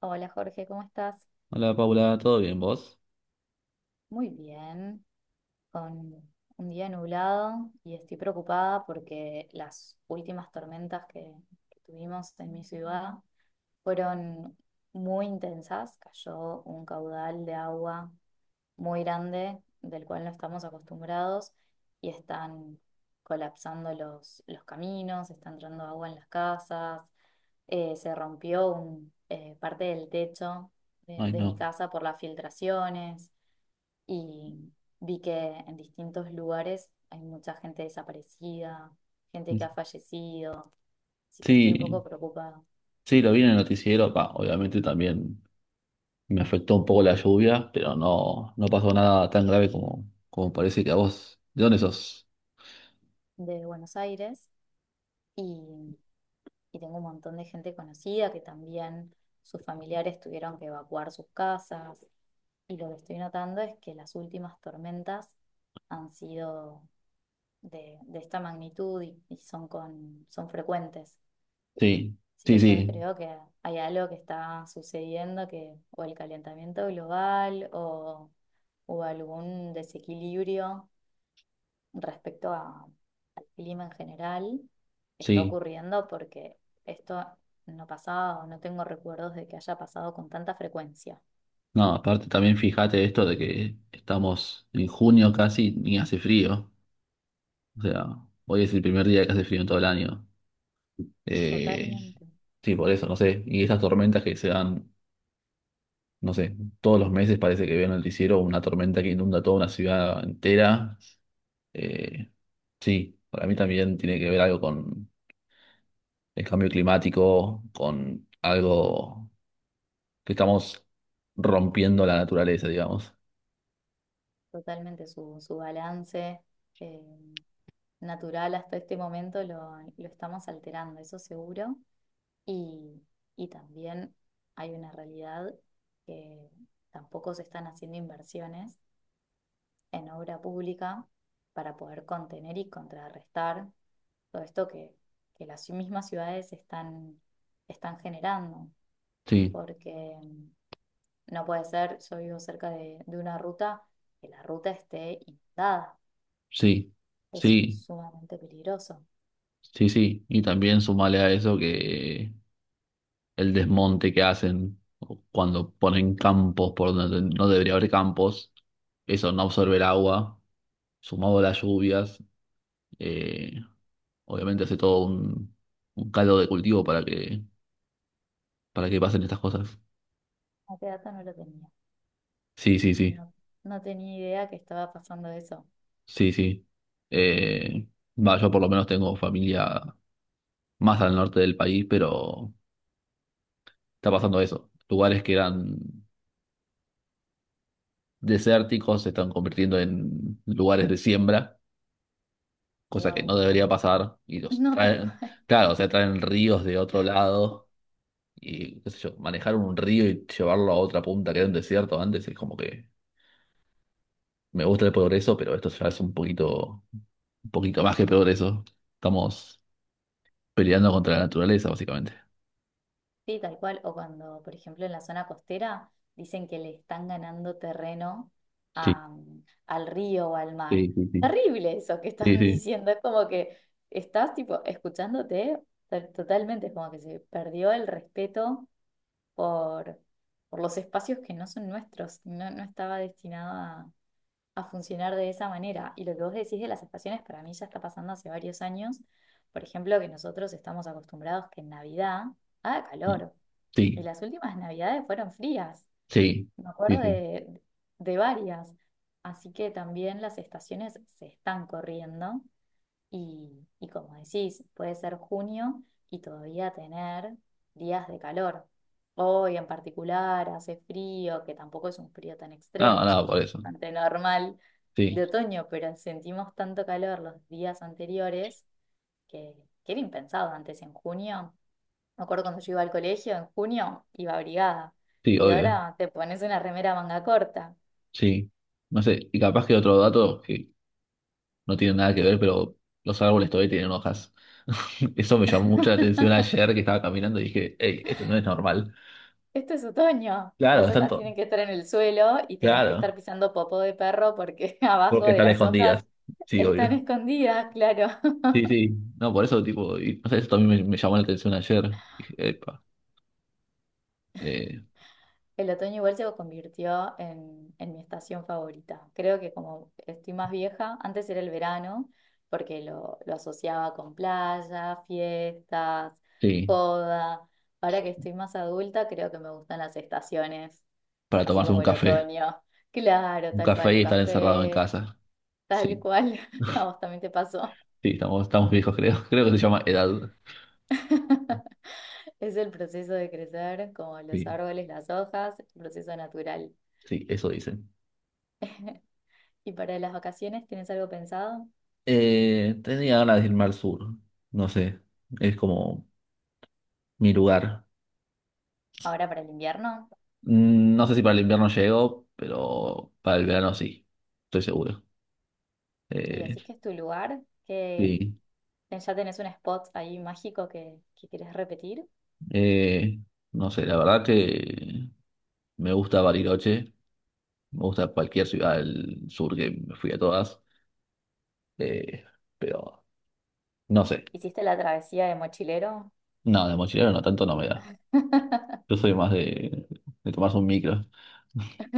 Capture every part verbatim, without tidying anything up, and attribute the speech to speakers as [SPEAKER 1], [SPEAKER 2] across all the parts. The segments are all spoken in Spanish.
[SPEAKER 1] Hola Jorge, ¿cómo estás?
[SPEAKER 2] Hola Paula, ¿todo bien vos?
[SPEAKER 1] Muy bien, con un día nublado y estoy preocupada porque las últimas tormentas que, que tuvimos en mi ciudad fueron muy intensas. Cayó un caudal de agua muy grande del cual no estamos acostumbrados y están colapsando los, los caminos, está entrando agua en las casas, eh, se rompió un, eh, parte del techo de
[SPEAKER 2] Ay,
[SPEAKER 1] de mi
[SPEAKER 2] no.
[SPEAKER 1] casa por las filtraciones. Y vi que en distintos lugares hay mucha gente desaparecida, gente que ha fallecido, así que estoy un
[SPEAKER 2] Sí,
[SPEAKER 1] poco preocupada.
[SPEAKER 2] sí, lo vi en el noticiero, pa, obviamente también me afectó un poco la lluvia, pero no, no pasó nada tan grave como, como parece que a vos. ¿De dónde sos?
[SPEAKER 1] De Buenos Aires y, y tengo un montón de gente conocida que también sus familiares tuvieron que evacuar sus casas. Y lo que estoy notando es que las últimas tormentas han sido de, de esta magnitud y, y son, con, son frecuentes.
[SPEAKER 2] Sí,
[SPEAKER 1] Así
[SPEAKER 2] sí,
[SPEAKER 1] que yo
[SPEAKER 2] sí,
[SPEAKER 1] creo que hay algo que está sucediendo, que o el calentamiento global o, o algún desequilibrio respecto a- al clima en general está
[SPEAKER 2] sí.
[SPEAKER 1] ocurriendo, porque esto no pasaba o no tengo recuerdos de que haya pasado con tanta frecuencia.
[SPEAKER 2] No, aparte también fíjate esto de que estamos en junio casi, ni hace frío. O sea, hoy es el primer día que hace frío en todo el año. Eh,
[SPEAKER 1] Totalmente,
[SPEAKER 2] sí, por eso, no sé. Y esas tormentas que se dan. No sé, todos los meses parece que veo en el noticiero una tormenta que inunda toda una ciudad entera. Eh, sí, para mí también tiene que ver algo con el cambio climático, con algo que estamos rompiendo la naturaleza, digamos.
[SPEAKER 1] totalmente su, su balance eh, natural. Hasta este momento lo, lo estamos alterando, eso seguro. Y, y también hay una realidad que tampoco se están haciendo inversiones en obra pública para poder contener y contrarrestar todo esto que, que las mismas ciudades están, están generando,
[SPEAKER 2] Sí,
[SPEAKER 1] porque mm, no puede ser, yo vivo cerca de, de una ruta, que la ruta esté inundada,
[SPEAKER 2] sí,
[SPEAKER 1] es
[SPEAKER 2] sí,
[SPEAKER 1] sumamente peligroso.
[SPEAKER 2] sí, sí. Y también sumale a eso que el desmonte que hacen cuando ponen campos por donde no debería haber campos, eso no absorbe el agua, sumado a las lluvias. eh, Obviamente hace todo un, un caldo de cultivo para que, para que pasen estas cosas.
[SPEAKER 1] A qué dato, no lo tenía,
[SPEAKER 2] Sí, sí, sí,
[SPEAKER 1] no, no tenía idea que estaba pasando eso.
[SPEAKER 2] sí, sí. Eh, va, yo por lo menos tengo familia más al norte del país, pero está pasando eso. Lugares que eran desérticos se están convirtiendo en lugares de siembra, cosa que no
[SPEAKER 1] Wow,
[SPEAKER 2] debería pasar. Y los
[SPEAKER 1] no, tal
[SPEAKER 2] traen,
[SPEAKER 1] cual.
[SPEAKER 2] claro, o sea, traen ríos de otro lado y, qué sé yo, manejar un río y llevarlo a otra punta que era un desierto antes es como que me gusta el progreso, pero esto ya es un poquito. Un poquito más que peor eso. Estamos peleando contra la naturaleza, básicamente.
[SPEAKER 1] Sí, tal cual. O cuando, por ejemplo, en la zona costera dicen que le están ganando terreno
[SPEAKER 2] Sí,
[SPEAKER 1] a- mm, al río o al mar.
[SPEAKER 2] sí, sí, sí.
[SPEAKER 1] Terrible eso que
[SPEAKER 2] Sí,
[SPEAKER 1] están
[SPEAKER 2] sí.
[SPEAKER 1] diciendo. Es como que estás tipo escuchándote to- totalmente. Es como que se perdió el respeto por, por los espacios que no son nuestros. No, no estaba destinado a, a funcionar de esa manera. Y lo que vos decís de las estaciones, para mí ya está pasando hace varios años. Por ejemplo, que nosotros estamos acostumbrados que en Navidad haga calor. Y
[SPEAKER 2] Sí,
[SPEAKER 1] las últimas navidades fueron frías,
[SPEAKER 2] sí,
[SPEAKER 1] me
[SPEAKER 2] sí,
[SPEAKER 1] acuerdo
[SPEAKER 2] sí.
[SPEAKER 1] de, de varias. Así que también las estaciones se están corriendo y, y como decís, puede ser junio y todavía tener días de calor. Hoy en particular hace frío, que tampoco es un frío tan
[SPEAKER 2] No,
[SPEAKER 1] extremo, es un
[SPEAKER 2] no, por
[SPEAKER 1] frío
[SPEAKER 2] eso.
[SPEAKER 1] bastante normal de
[SPEAKER 2] Sí,
[SPEAKER 1] otoño, pero sentimos tanto calor los días anteriores, que, que era impensado antes en junio. Me acuerdo cuando yo iba al colegio en junio, iba abrigada.
[SPEAKER 2] sí,
[SPEAKER 1] Y
[SPEAKER 2] obvio.
[SPEAKER 1] ahora te pones una remera manga corta.
[SPEAKER 2] Sí. No sé, y capaz que otro dato que no tiene nada que ver, pero los árboles todavía tienen hojas. Eso me llamó mucho la atención ayer que estaba caminando y dije, hey, esto no es normal.
[SPEAKER 1] Esto es otoño.
[SPEAKER 2] Claro,
[SPEAKER 1] Las
[SPEAKER 2] están
[SPEAKER 1] hojas
[SPEAKER 2] todos.
[SPEAKER 1] tienen que estar en el suelo y tenés que estar
[SPEAKER 2] Claro,
[SPEAKER 1] pisando popó de perro porque abajo
[SPEAKER 2] porque
[SPEAKER 1] de
[SPEAKER 2] están
[SPEAKER 1] las hojas
[SPEAKER 2] escondidas. Sí,
[SPEAKER 1] están
[SPEAKER 2] obvio.
[SPEAKER 1] escondidas, claro.
[SPEAKER 2] Sí, sí. No, por eso, tipo, y, no sé, eso también me, me llamó la atención ayer. Dije, epa. Eh,
[SPEAKER 1] El otoño igual se convirtió en, en mi estación favorita. Creo que como estoy más vieja, antes era el verano, porque lo, lo asociaba con playa, fiestas,
[SPEAKER 2] sí,
[SPEAKER 1] joda. Ahora que
[SPEAKER 2] sí,
[SPEAKER 1] estoy más adulta, creo que me gustan las estaciones,
[SPEAKER 2] para
[SPEAKER 1] así
[SPEAKER 2] tomarse un
[SPEAKER 1] como el
[SPEAKER 2] café.
[SPEAKER 1] otoño. Claro,
[SPEAKER 2] Un
[SPEAKER 1] tal
[SPEAKER 2] café
[SPEAKER 1] cual, un
[SPEAKER 2] y estar encerrado en
[SPEAKER 1] café,
[SPEAKER 2] casa.
[SPEAKER 1] tal
[SPEAKER 2] Sí,
[SPEAKER 1] cual. A vos también te pasó.
[SPEAKER 2] sí, estamos, estamos viejos, creo. Creo que se llama edad.
[SPEAKER 1] Es el proceso de crecer, como los
[SPEAKER 2] Sí,
[SPEAKER 1] árboles, las hojas, el proceso natural.
[SPEAKER 2] sí, eso dicen.
[SPEAKER 1] ¿Y para las vacaciones tienes algo pensado?
[SPEAKER 2] Eh, tenía ganas de irme al sur. No sé, es como mi lugar.
[SPEAKER 1] Ahora para el invierno.
[SPEAKER 2] Mm, no sé si para el invierno llego, pero para el verano sí, estoy seguro.
[SPEAKER 1] Y
[SPEAKER 2] Eh,
[SPEAKER 1] decís que es tu lugar, que
[SPEAKER 2] sí,
[SPEAKER 1] ya tenés un spot ahí mágico que, que querés repetir.
[SPEAKER 2] eh, no sé, la verdad que me gusta Bariloche, me gusta cualquier ciudad del sur que me fui a todas. Eh, pero no sé.
[SPEAKER 1] ¿Hiciste la travesía de mochilero?
[SPEAKER 2] No, de mochilero no, tanto no me da. Yo soy más de, de tomarse un micro.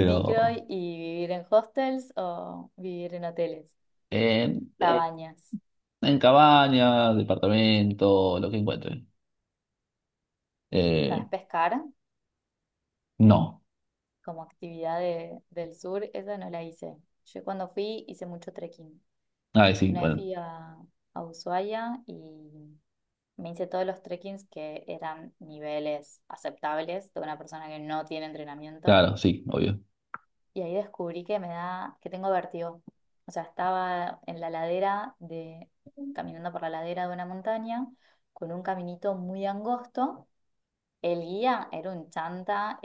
[SPEAKER 1] ¿Micro y vivir en hostels o vivir en hoteles,
[SPEAKER 2] en, eh,
[SPEAKER 1] cabañas?
[SPEAKER 2] en cabaña, departamento, lo que encuentre.
[SPEAKER 1] ¿Sabes
[SPEAKER 2] Eh,
[SPEAKER 1] pescar?
[SPEAKER 2] no.
[SPEAKER 1] Como actividad de- del sur, esa no la hice. Yo cuando fui hice mucho trekking.
[SPEAKER 2] Ah, sí,
[SPEAKER 1] Una vez
[SPEAKER 2] bueno.
[SPEAKER 1] fui a, a Ushuaia y me hice todos los trekkings que eran niveles aceptables de una persona que no tiene entrenamiento.
[SPEAKER 2] Claro, sí, obvio.
[SPEAKER 1] Y ahí descubrí que me da, que tengo vértigo. O sea, estaba en la ladera de, caminando por la ladera de una montaña con un caminito muy angosto. El guía era un chanta,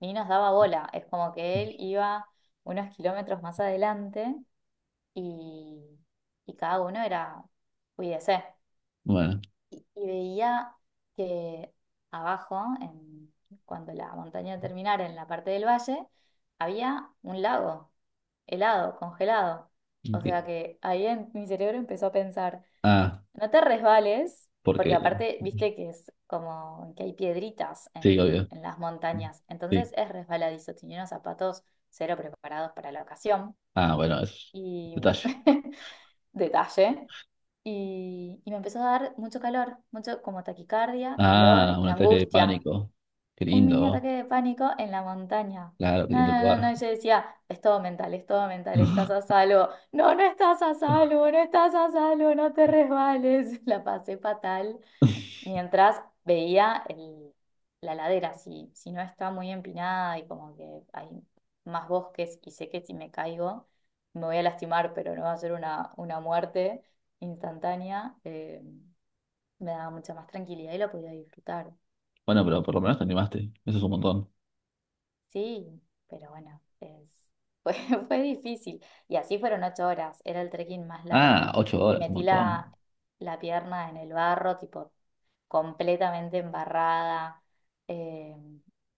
[SPEAKER 1] ni nos daba bola. Es como que él iba unos kilómetros más adelante y, y cada uno era, cuídese.
[SPEAKER 2] Bueno.
[SPEAKER 1] Y, y veía que abajo, en- cuando la montaña terminara en la parte del valle, había un lago helado, congelado. O
[SPEAKER 2] Ok.
[SPEAKER 1] sea que ahí en mi cerebro empezó a pensar.
[SPEAKER 2] Ah,
[SPEAKER 1] No te resbales, porque
[SPEAKER 2] porque.
[SPEAKER 1] aparte, viste que es como que hay piedritas
[SPEAKER 2] Sí,
[SPEAKER 1] en,
[SPEAKER 2] obvio.
[SPEAKER 1] en las montañas,
[SPEAKER 2] Sí.
[SPEAKER 1] entonces es resbaladizo, tenía unos zapatos cero preparados para la ocasión
[SPEAKER 2] Ah, bueno, es un
[SPEAKER 1] y
[SPEAKER 2] detalle.
[SPEAKER 1] detalle. Y, y me empezó a dar mucho calor, mucho como taquicardia, calor
[SPEAKER 2] Ah, un
[SPEAKER 1] y
[SPEAKER 2] ataque de
[SPEAKER 1] angustia.
[SPEAKER 2] pánico. Qué
[SPEAKER 1] Un mini
[SPEAKER 2] lindo.
[SPEAKER 1] ataque de pánico en la montaña.
[SPEAKER 2] Claro, qué
[SPEAKER 1] No,
[SPEAKER 2] lindo
[SPEAKER 1] no, no, no,
[SPEAKER 2] lugar.
[SPEAKER 1] y yo decía, es todo mental, es todo mental, estás a salvo. No, no estás a salvo, no estás a salvo, no te resbales. La pasé fatal mientras veía el- la ladera, si, si no está muy empinada y como que hay más bosques y sé que si me caigo me voy a lastimar, pero no va a ser una, una muerte instantánea, eh, me daba mucha más tranquilidad y la podía disfrutar.
[SPEAKER 2] Bueno, pero por lo menos te animaste. Eso es un montón.
[SPEAKER 1] Sí, pero bueno, es, fue, fue difícil. Y así fueron ocho horas, era el trekking más largo.
[SPEAKER 2] Ah, ocho
[SPEAKER 1] Y
[SPEAKER 2] horas, un
[SPEAKER 1] metí la,
[SPEAKER 2] montón.
[SPEAKER 1] la pierna en el barro, tipo completamente embarrada. eh,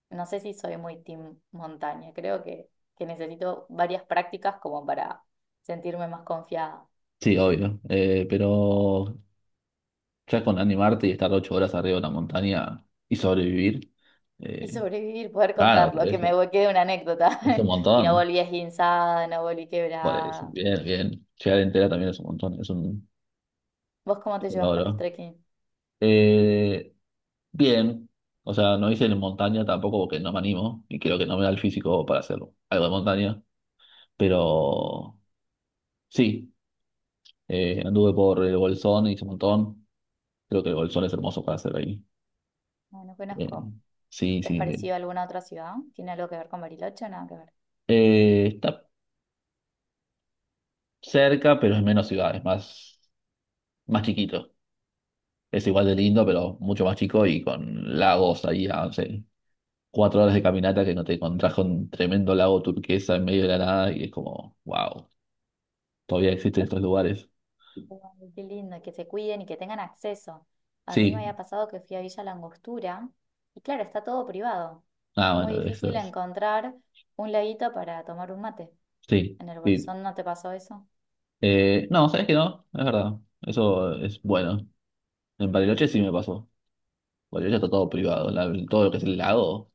[SPEAKER 1] no sé si soy muy team montaña, creo que, que necesito varias prácticas como para sentirme más confiada
[SPEAKER 2] Sí, obvio. Eh, pero ya con animarte y estar ocho horas arriba de una montaña y sobrevivir,
[SPEAKER 1] y
[SPEAKER 2] eh,
[SPEAKER 1] sobrevivir, poder
[SPEAKER 2] claro, por
[SPEAKER 1] contarlo, que me
[SPEAKER 2] eso.
[SPEAKER 1] vo- quede una anécdota.
[SPEAKER 2] Es un
[SPEAKER 1] Y no
[SPEAKER 2] montón.
[SPEAKER 1] volví esguinzada, no volví
[SPEAKER 2] Por eso.
[SPEAKER 1] quebrada.
[SPEAKER 2] Bien, bien. Llegar entera también es un montón. Es un,
[SPEAKER 1] ¿Vos cómo
[SPEAKER 2] es
[SPEAKER 1] te
[SPEAKER 2] un
[SPEAKER 1] llevas con los
[SPEAKER 2] logro.
[SPEAKER 1] trekking?
[SPEAKER 2] Eh, bien. O sea, no hice en montaña tampoco porque no me animo y creo que no me da el físico para hacer algo de montaña. Pero sí, eh, anduve por el Bolsón, hice un montón. Creo que el Bolsón es hermoso para hacer ahí.
[SPEAKER 1] No, no
[SPEAKER 2] Eh,
[SPEAKER 1] conozco.
[SPEAKER 2] sí,
[SPEAKER 1] ¿Es
[SPEAKER 2] sí.
[SPEAKER 1] parecido a alguna otra ciudad? ¿Tiene algo que ver con Bariloche o nada que ver?
[SPEAKER 2] Eh, está cerca, pero es menos ciudad, es más, más chiquito. Es igual de lindo, pero mucho más chico y con lagos ahí a, no sé, cuatro horas de caminata que no te encontrás con un tremendo lago turquesa en medio de la nada y es como, wow, todavía existen estos lugares.
[SPEAKER 1] Ay, qué lindo, y que se cuiden y que tengan acceso. A mí me
[SPEAKER 2] Sí,
[SPEAKER 1] había pasado que fui a Villa La Angostura y claro, está todo privado.
[SPEAKER 2] ah,
[SPEAKER 1] Es muy
[SPEAKER 2] bueno, eso
[SPEAKER 1] difícil
[SPEAKER 2] es.
[SPEAKER 1] encontrar un laguito para tomar un mate.
[SPEAKER 2] Sí,
[SPEAKER 1] ¿En el
[SPEAKER 2] sí.
[SPEAKER 1] Bolsón no te pasó eso?
[SPEAKER 2] Eh, no, sabes que no, es verdad. Eso es bueno. En Bariloche sí me pasó. Bariloche está todo privado. La- todo lo que es el lago.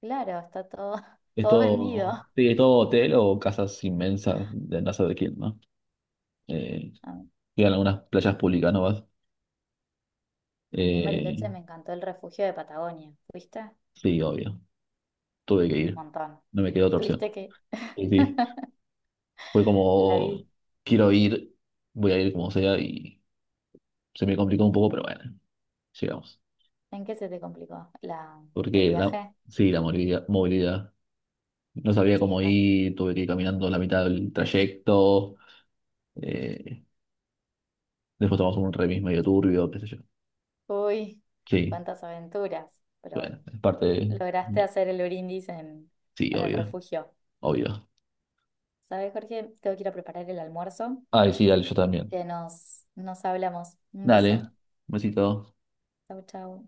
[SPEAKER 1] Claro, está todo,
[SPEAKER 2] Es
[SPEAKER 1] todo vendido.
[SPEAKER 2] todo, sí, es todo hotel o casas inmensas de no sé de quién, ¿no? Eh,
[SPEAKER 1] A mí,
[SPEAKER 2] llegan algunas playas públicas, ¿no vas?
[SPEAKER 1] a mí en
[SPEAKER 2] Eh,
[SPEAKER 1] Bariloche me encantó el refugio de Patagonia. ¿Fuiste? Un
[SPEAKER 2] sí, obvio. Tuve que ir.
[SPEAKER 1] montón.
[SPEAKER 2] No me quedó otra opción.
[SPEAKER 1] ¿Tuviste que
[SPEAKER 2] Y sí, fue
[SPEAKER 1] la
[SPEAKER 2] como,
[SPEAKER 1] vi?
[SPEAKER 2] quiero ir, voy a ir como sea y se me complicó un poco, pero bueno, llegamos.
[SPEAKER 1] ¿En qué se te complicó? ¿La, el
[SPEAKER 2] Porque la,
[SPEAKER 1] viaje?
[SPEAKER 2] sí, la movilidad, movilidad. No sabía
[SPEAKER 1] Sí,
[SPEAKER 2] cómo
[SPEAKER 1] es bast-
[SPEAKER 2] ir, tuve que ir caminando la mitad del trayecto. Eh, después tomamos un remis medio turbio, qué sé yo.
[SPEAKER 1] Uy,
[SPEAKER 2] Sí,
[SPEAKER 1] cuántas aventuras. Pero
[SPEAKER 2] bueno,
[SPEAKER 1] bueno.
[SPEAKER 2] es parte de-
[SPEAKER 1] Lograste hacer el brindis en,
[SPEAKER 2] Sí,
[SPEAKER 1] en el
[SPEAKER 2] obvio.
[SPEAKER 1] refugio.
[SPEAKER 2] Obvio.
[SPEAKER 1] ¿Sabes, Jorge? Tengo que ir a preparar el almuerzo,
[SPEAKER 2] Ay, sí, dale, yo
[SPEAKER 1] así
[SPEAKER 2] también.
[SPEAKER 1] que nos, nos hablamos. Un
[SPEAKER 2] Dale,
[SPEAKER 1] beso.
[SPEAKER 2] besito.
[SPEAKER 1] Chau, chau.